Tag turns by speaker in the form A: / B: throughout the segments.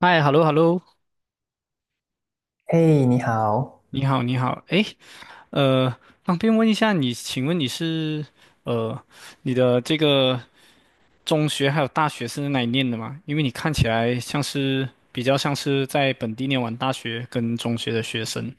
A: 嗨，hello hello，
B: 嘿，你好。
A: 你好你好，诶，呃，方便问一下你，请问你是呃你的这个中学还有大学是在哪里念的吗？因为你看起来像是比较像是在本地念完大学跟中学的学生。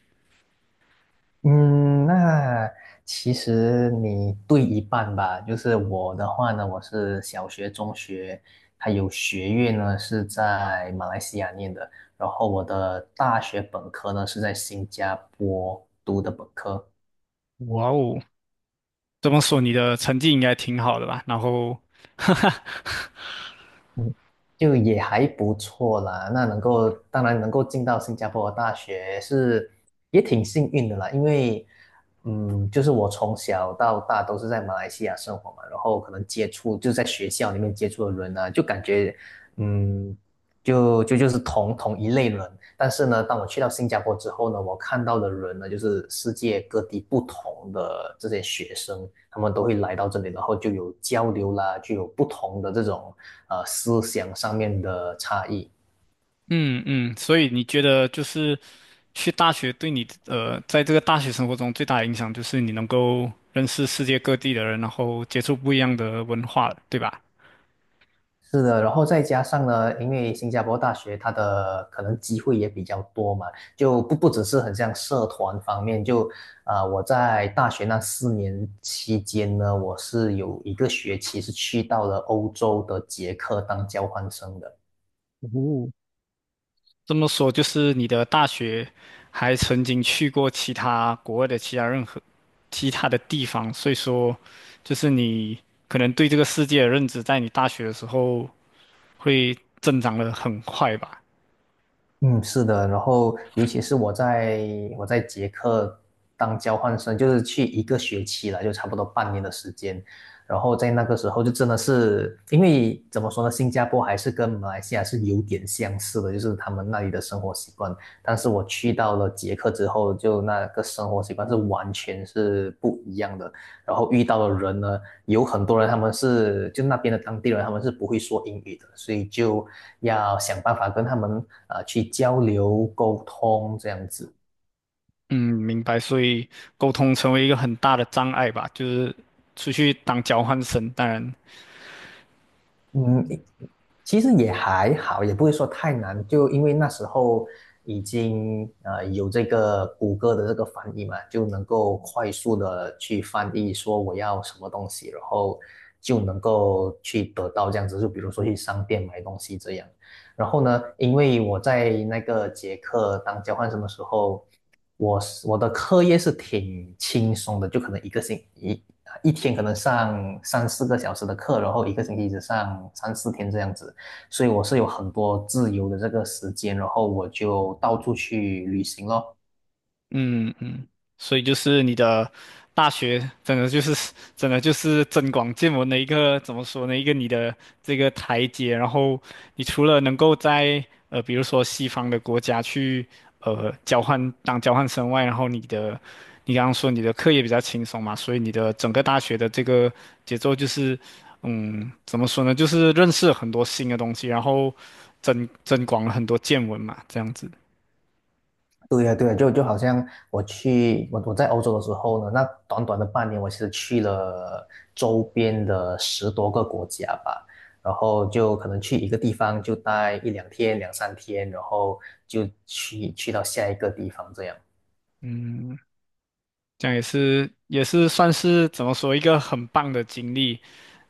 B: 嗯，那其实你对一半吧。就是我的话呢，我是小学、中学，还有学院呢是在马来西亚念的，然后我的大学本科呢是在新加坡读的本科。
A: 哇哦，这么说你的成绩应该挺好的吧？然后，哈哈。
B: 嗯就也还不错啦。那能够，当然能够进到新加坡的大学是也挺幸运的啦，因为，就是我从小到大都是在马来西亚生活嘛，然后可能接触就在学校里面接触的人啊，就感觉，嗯。就是同一类人，但是呢，当我去到新加坡之后呢，我看到的人呢，就是世界各地不同的这些学生，他们都会来到这里，然后就有交流啦，就有不同的这种思想上面的差异。
A: 嗯嗯，所以你觉得就是去大学对你，在这个大学生活中最大的影响就是你能够认识世界各地的人，然后接触不一样的文化，对吧？
B: 是的，然后再加上呢，因为新加坡大学它的可能机会也比较多嘛，就不只是很像社团方面，就我在大学那4年期间呢，我是有一个学期是去到了欧洲的捷克当交换生的。
A: 哦，这么说就是你的大学还曾经去过其他国外的其他任何其他的地方，所以说就是你可能对这个世界的认知，在你大学的时候会增长的很快吧？
B: 嗯，是的，然后尤其是我在捷克当交换生，就是去一个学期了，就差不多半年的时间。然后在那个时候，就真的是因为怎么说呢，新加坡还是跟马来西亚是有点相似的，就是他们那里的生活习惯。但是我去到了捷克之后，就那个生活习惯是完全是不一样的。然后遇到的人呢，有很多人他们是就那边的当地人，他们是不会说英语的，所以就要想办法跟他们去交流沟通这样子。
A: 嗯，明白。所以沟通成为一个很大的障碍吧，就是出去当交换生，当然
B: 嗯，其实也还好，也不会说太难，就因为那时候已经有这个谷歌的这个翻译嘛，就能够快速的去翻译说我要什么东西，然后就能够去得到这样子，就比如说去商店买东西这样。然后呢，因为我在那个捷克当交换生的时候，我的课业是挺轻松的，就可能一个星一一天可能上三四个小时的课，然后一个星期只上三四天这样子，所以我是有很多自由的这个时间，然后我就到处去旅行咯。
A: 嗯嗯，所以就是你的大学真的就是真的就是增广见闻的一个怎么说呢？一个你的这个台阶，然后你除了能够在比如说西方的国家去交换当交换生外，然后你的你刚刚说你的课业比较轻松嘛，所以你的整个大学的这个节奏就是怎么说呢？就是认识了很多新的东西，然后增广了很多见闻嘛，这样子。
B: 对呀，对呀，就好像我去我我在欧洲的时候呢，那短短的半年，我其实去了周边的10多个国家吧，然后就可能去一个地方就待一两天、两三天，然后就去到下一个地方这样。
A: 嗯。这样也是也是算是怎么说一个很棒的经历。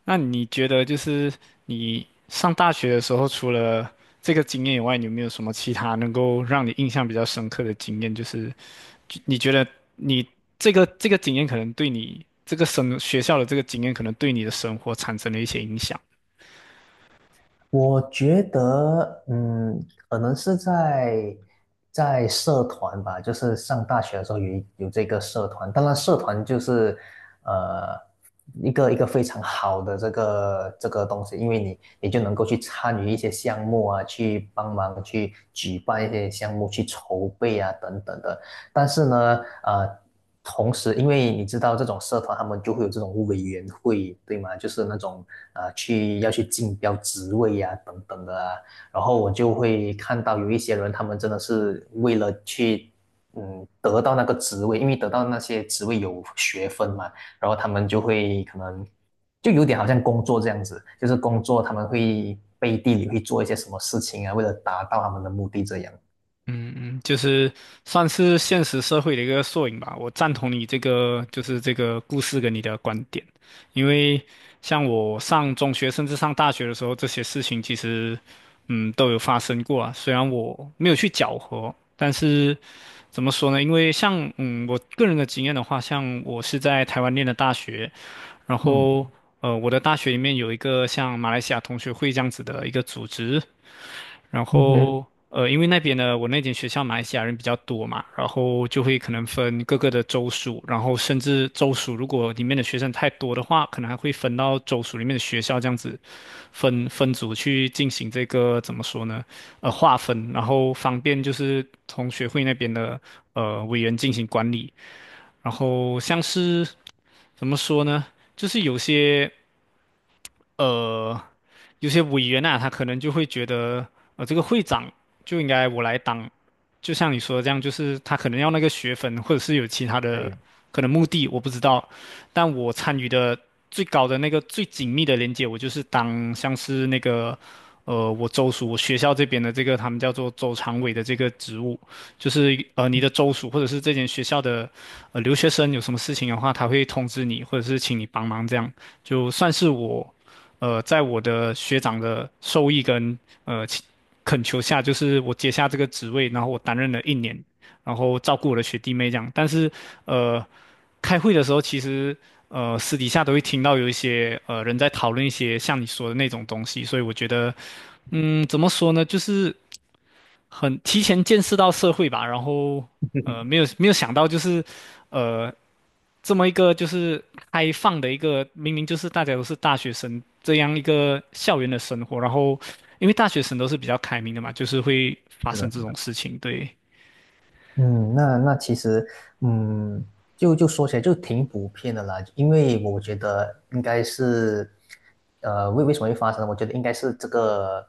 A: 那你觉得就是你上大学的时候，除了这个经验以外，你有没有什么其他能够让你印象比较深刻的经验？就是就你觉得你这个这个经验可能对你这个生学校的这个经验可能对你的生活产生了一些影响。
B: 我觉得，可能是在社团吧，就是上大学的时候有这个社团，当然社团就是呃一个非常好的这个这个东西，因为你就能够去参与一些项目啊，去帮忙去举办一些项目，去筹备啊等等的。但是呢，呃，同时，因为你知道这种社团他们就会有这种委员会，对吗？就是那种要去竞标职位呀、等等的啊。然后我就会看到有一些人，他们真的是为了去得到那个职位，因为得到那些职位有学分嘛，然后他们就会可能就有点好像工作这样子，就是工作他们会背地里会做一些什么事情啊，为了达到他们的目的这样。
A: 嗯嗯，就是算是现实社会的一个缩影吧。我赞同你这个，就是这个故事跟你的观点，因为像我上中学甚至上大学的时候，这些事情其实，嗯，都有发生过啊。虽然我没有去搅和，但是怎么说呢？因为像我个人的经验的话，像我是在台湾念的大学，然
B: 嗯
A: 后我的大学里面有一个像马来西亚同学会这样子的一个组织，然
B: 嗯哼。
A: 后因为那边呢，我那间学校马来西亚人比较多嘛，然后就会可能分各个的州属，然后甚至州属如果里面的学生太多的话，可能还会分到州属里面的学校这样子分组去进行这个怎么说呢？呃，划分，然后方便就是同学会那边的委员进行管理，然后像是怎么说呢？就是有些。呃，有些委员啊，他可能就会觉得，呃，这个会长就应该我来当，就像你说的这样，就是他可能要那个学分，或者是有其他的
B: 对，
A: 可能目的，我不知道。但我参与的最高的那个最紧密的连接，我就是当像是那个，我州属我学校这边的这个他们叫做州常委的这个职务，就是你的州属或者是这间学校的留学生有什么事情的话，他会通知你，或者是请你帮忙这样，就算是我。在我的学长的授意跟请恳求下，就是我接下这个职位，然后我担任了1年，然后照顾我的学弟妹这样。但是，呃，开会的时候，其实私底下都会听到有一些人在讨论一些像你说的那种东西，所以我觉得，嗯，怎么说呢，就是很提前见识到社会吧，然后没有想到就是。呃，这么一个就是开放的一个，明明就是大家都是大学生这样一个校园的生活，然后因为大学生都是比较开明的嘛，就是会发
B: 是的，
A: 生这
B: 是
A: 种
B: 的。
A: 事情。对，
B: 嗯，那其实，嗯，就说起来就挺普遍的啦，因为我觉得应该是，为什么会发生呢我觉得应该是这个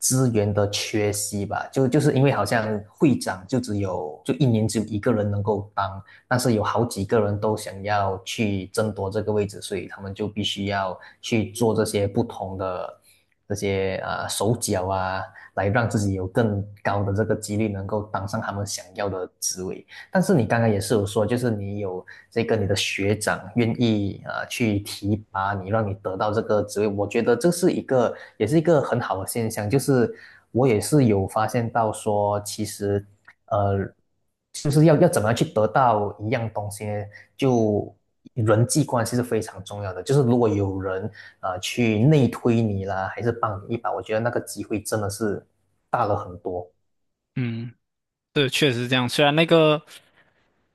B: 资源的缺席吧，就是因为好像会长就只有就一年只有一个人能够当，但是有好几个人都想要去争夺这个位置，所以他们就必须要去做这些不同的这些手脚啊。来让自己有更高的这个几率能够当上他们想要的职位。但是你刚刚也是有说，就是你有这个你的学长愿意啊去提拔你，让你得到这个职位，我觉得这是一个也是一个很好的现象。就是我也是有发现到说，其实呃，就是要怎么样去得到一样东西呢，就人际关系是非常重要的。就是如果有人啊去内推你啦，还是帮你一把，我觉得那个机会真的是大了很多。
A: 嗯，对，确实是这样。虽然那个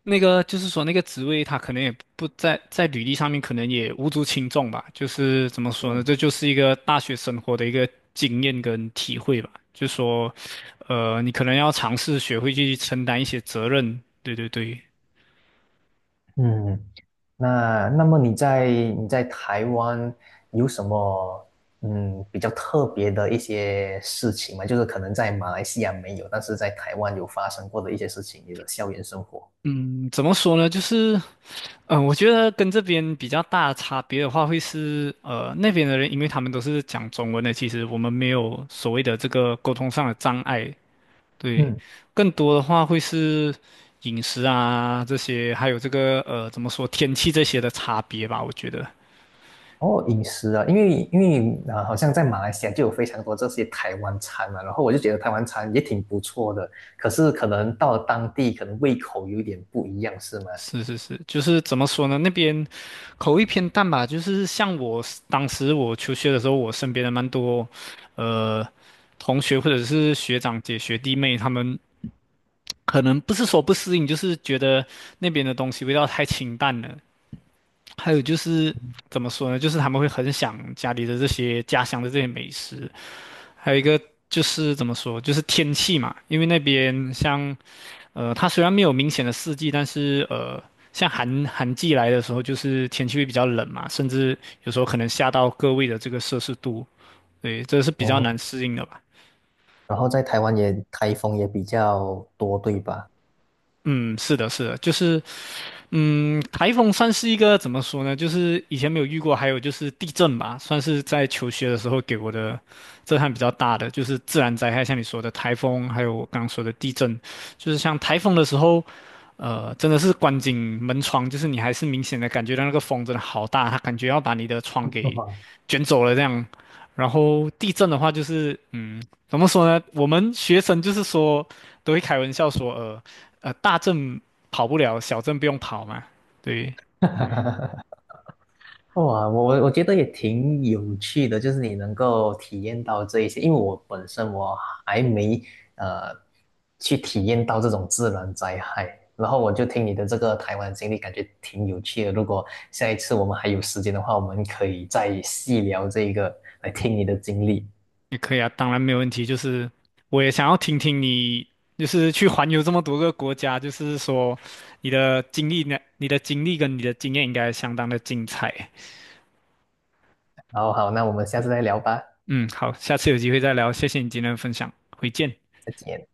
A: 那个就是说那个职位，他可能也不在履历上面，可能也无足轻重吧。就是怎么说呢，这
B: 嗯。
A: 就是一个大学生活的一个经验跟体会吧。就说，你可能要尝试学会去承担一些责任。对对对，
B: 嗯，那么你在台湾有什么比较特别的一些事情吗？就是可能在马来西亚没有，但是在台湾有发生过的一些事情，你的校园生活。
A: 嗯，怎么说呢？就是，我觉得跟这边比较大的差别的话，会是，那边的人，因为他们都是讲中文的，其实我们没有所谓的这个沟通上的障碍。对，
B: 嗯，
A: 更多的话会是饮食啊这些，还有这个怎么说天气这些的差别吧，我觉得。
B: 哦，饮食啊，因为好像在马来西亚就有非常多这些台湾餐嘛，然后我就觉得台湾餐也挺不错的，可是可能到了当地，可能胃口有点不一样，是吗？
A: 是是是，就是怎么说呢？那边口味偏淡吧。就是像当时我求学的时候，我身边的蛮多，呃，同学或者是学长姐、学弟妹，他们可能不是说不适应，就是觉得那边的东西味道太清淡了。还有就是怎么说呢？就是他们会很想家里的这些家乡的这些美食。还有一个就是怎么说，就是天气嘛，因为那边像它虽然没有明显的四季，但是像寒季来的时候，就是天气会比较冷嘛，甚至有时候可能下到个位的这个摄氏度，对，这是比较
B: 哦，
A: 难适应的吧。
B: 然后在台湾也台风也比较多，对吧？
A: 嗯，是的，是的，就是嗯，台风算是一个怎么说呢？就是以前没有遇过，还有就是地震吧，算是在求学的时候给我的震撼比较大的，就是自然灾害，像你说的台风，还有我刚刚说的地震，就是像台风的时候，真的是关紧门窗，就是你还是明显的感觉到那个风真的好大，它感觉要把你的窗给 卷走了这样。然后地震的话，就是嗯，怎么说呢？我们学生就是说都会开玩笑说，大震跑不了，小镇不用跑嘛。对，
B: 哈哈。哇，我觉得也挺有趣的，就是你能够体验到这一些，因为我本身我还没呃去体验到这种自然灾害，然后我就听你的这个台湾经历，感觉挺有趣的。如果下一次我们还有时间的话，我们可以再细聊这个，来听你的经历。
A: 也可以啊，当然没有问题。就是我也想要听听你，就是去环游这么多个国家，就是说你的经历呢，你的经历跟你的经验应该相当的精彩。
B: 然后好，那我们下次再聊吧，
A: 嗯，好，下次有机会再聊，谢谢你今天的分享，回见。
B: 再见。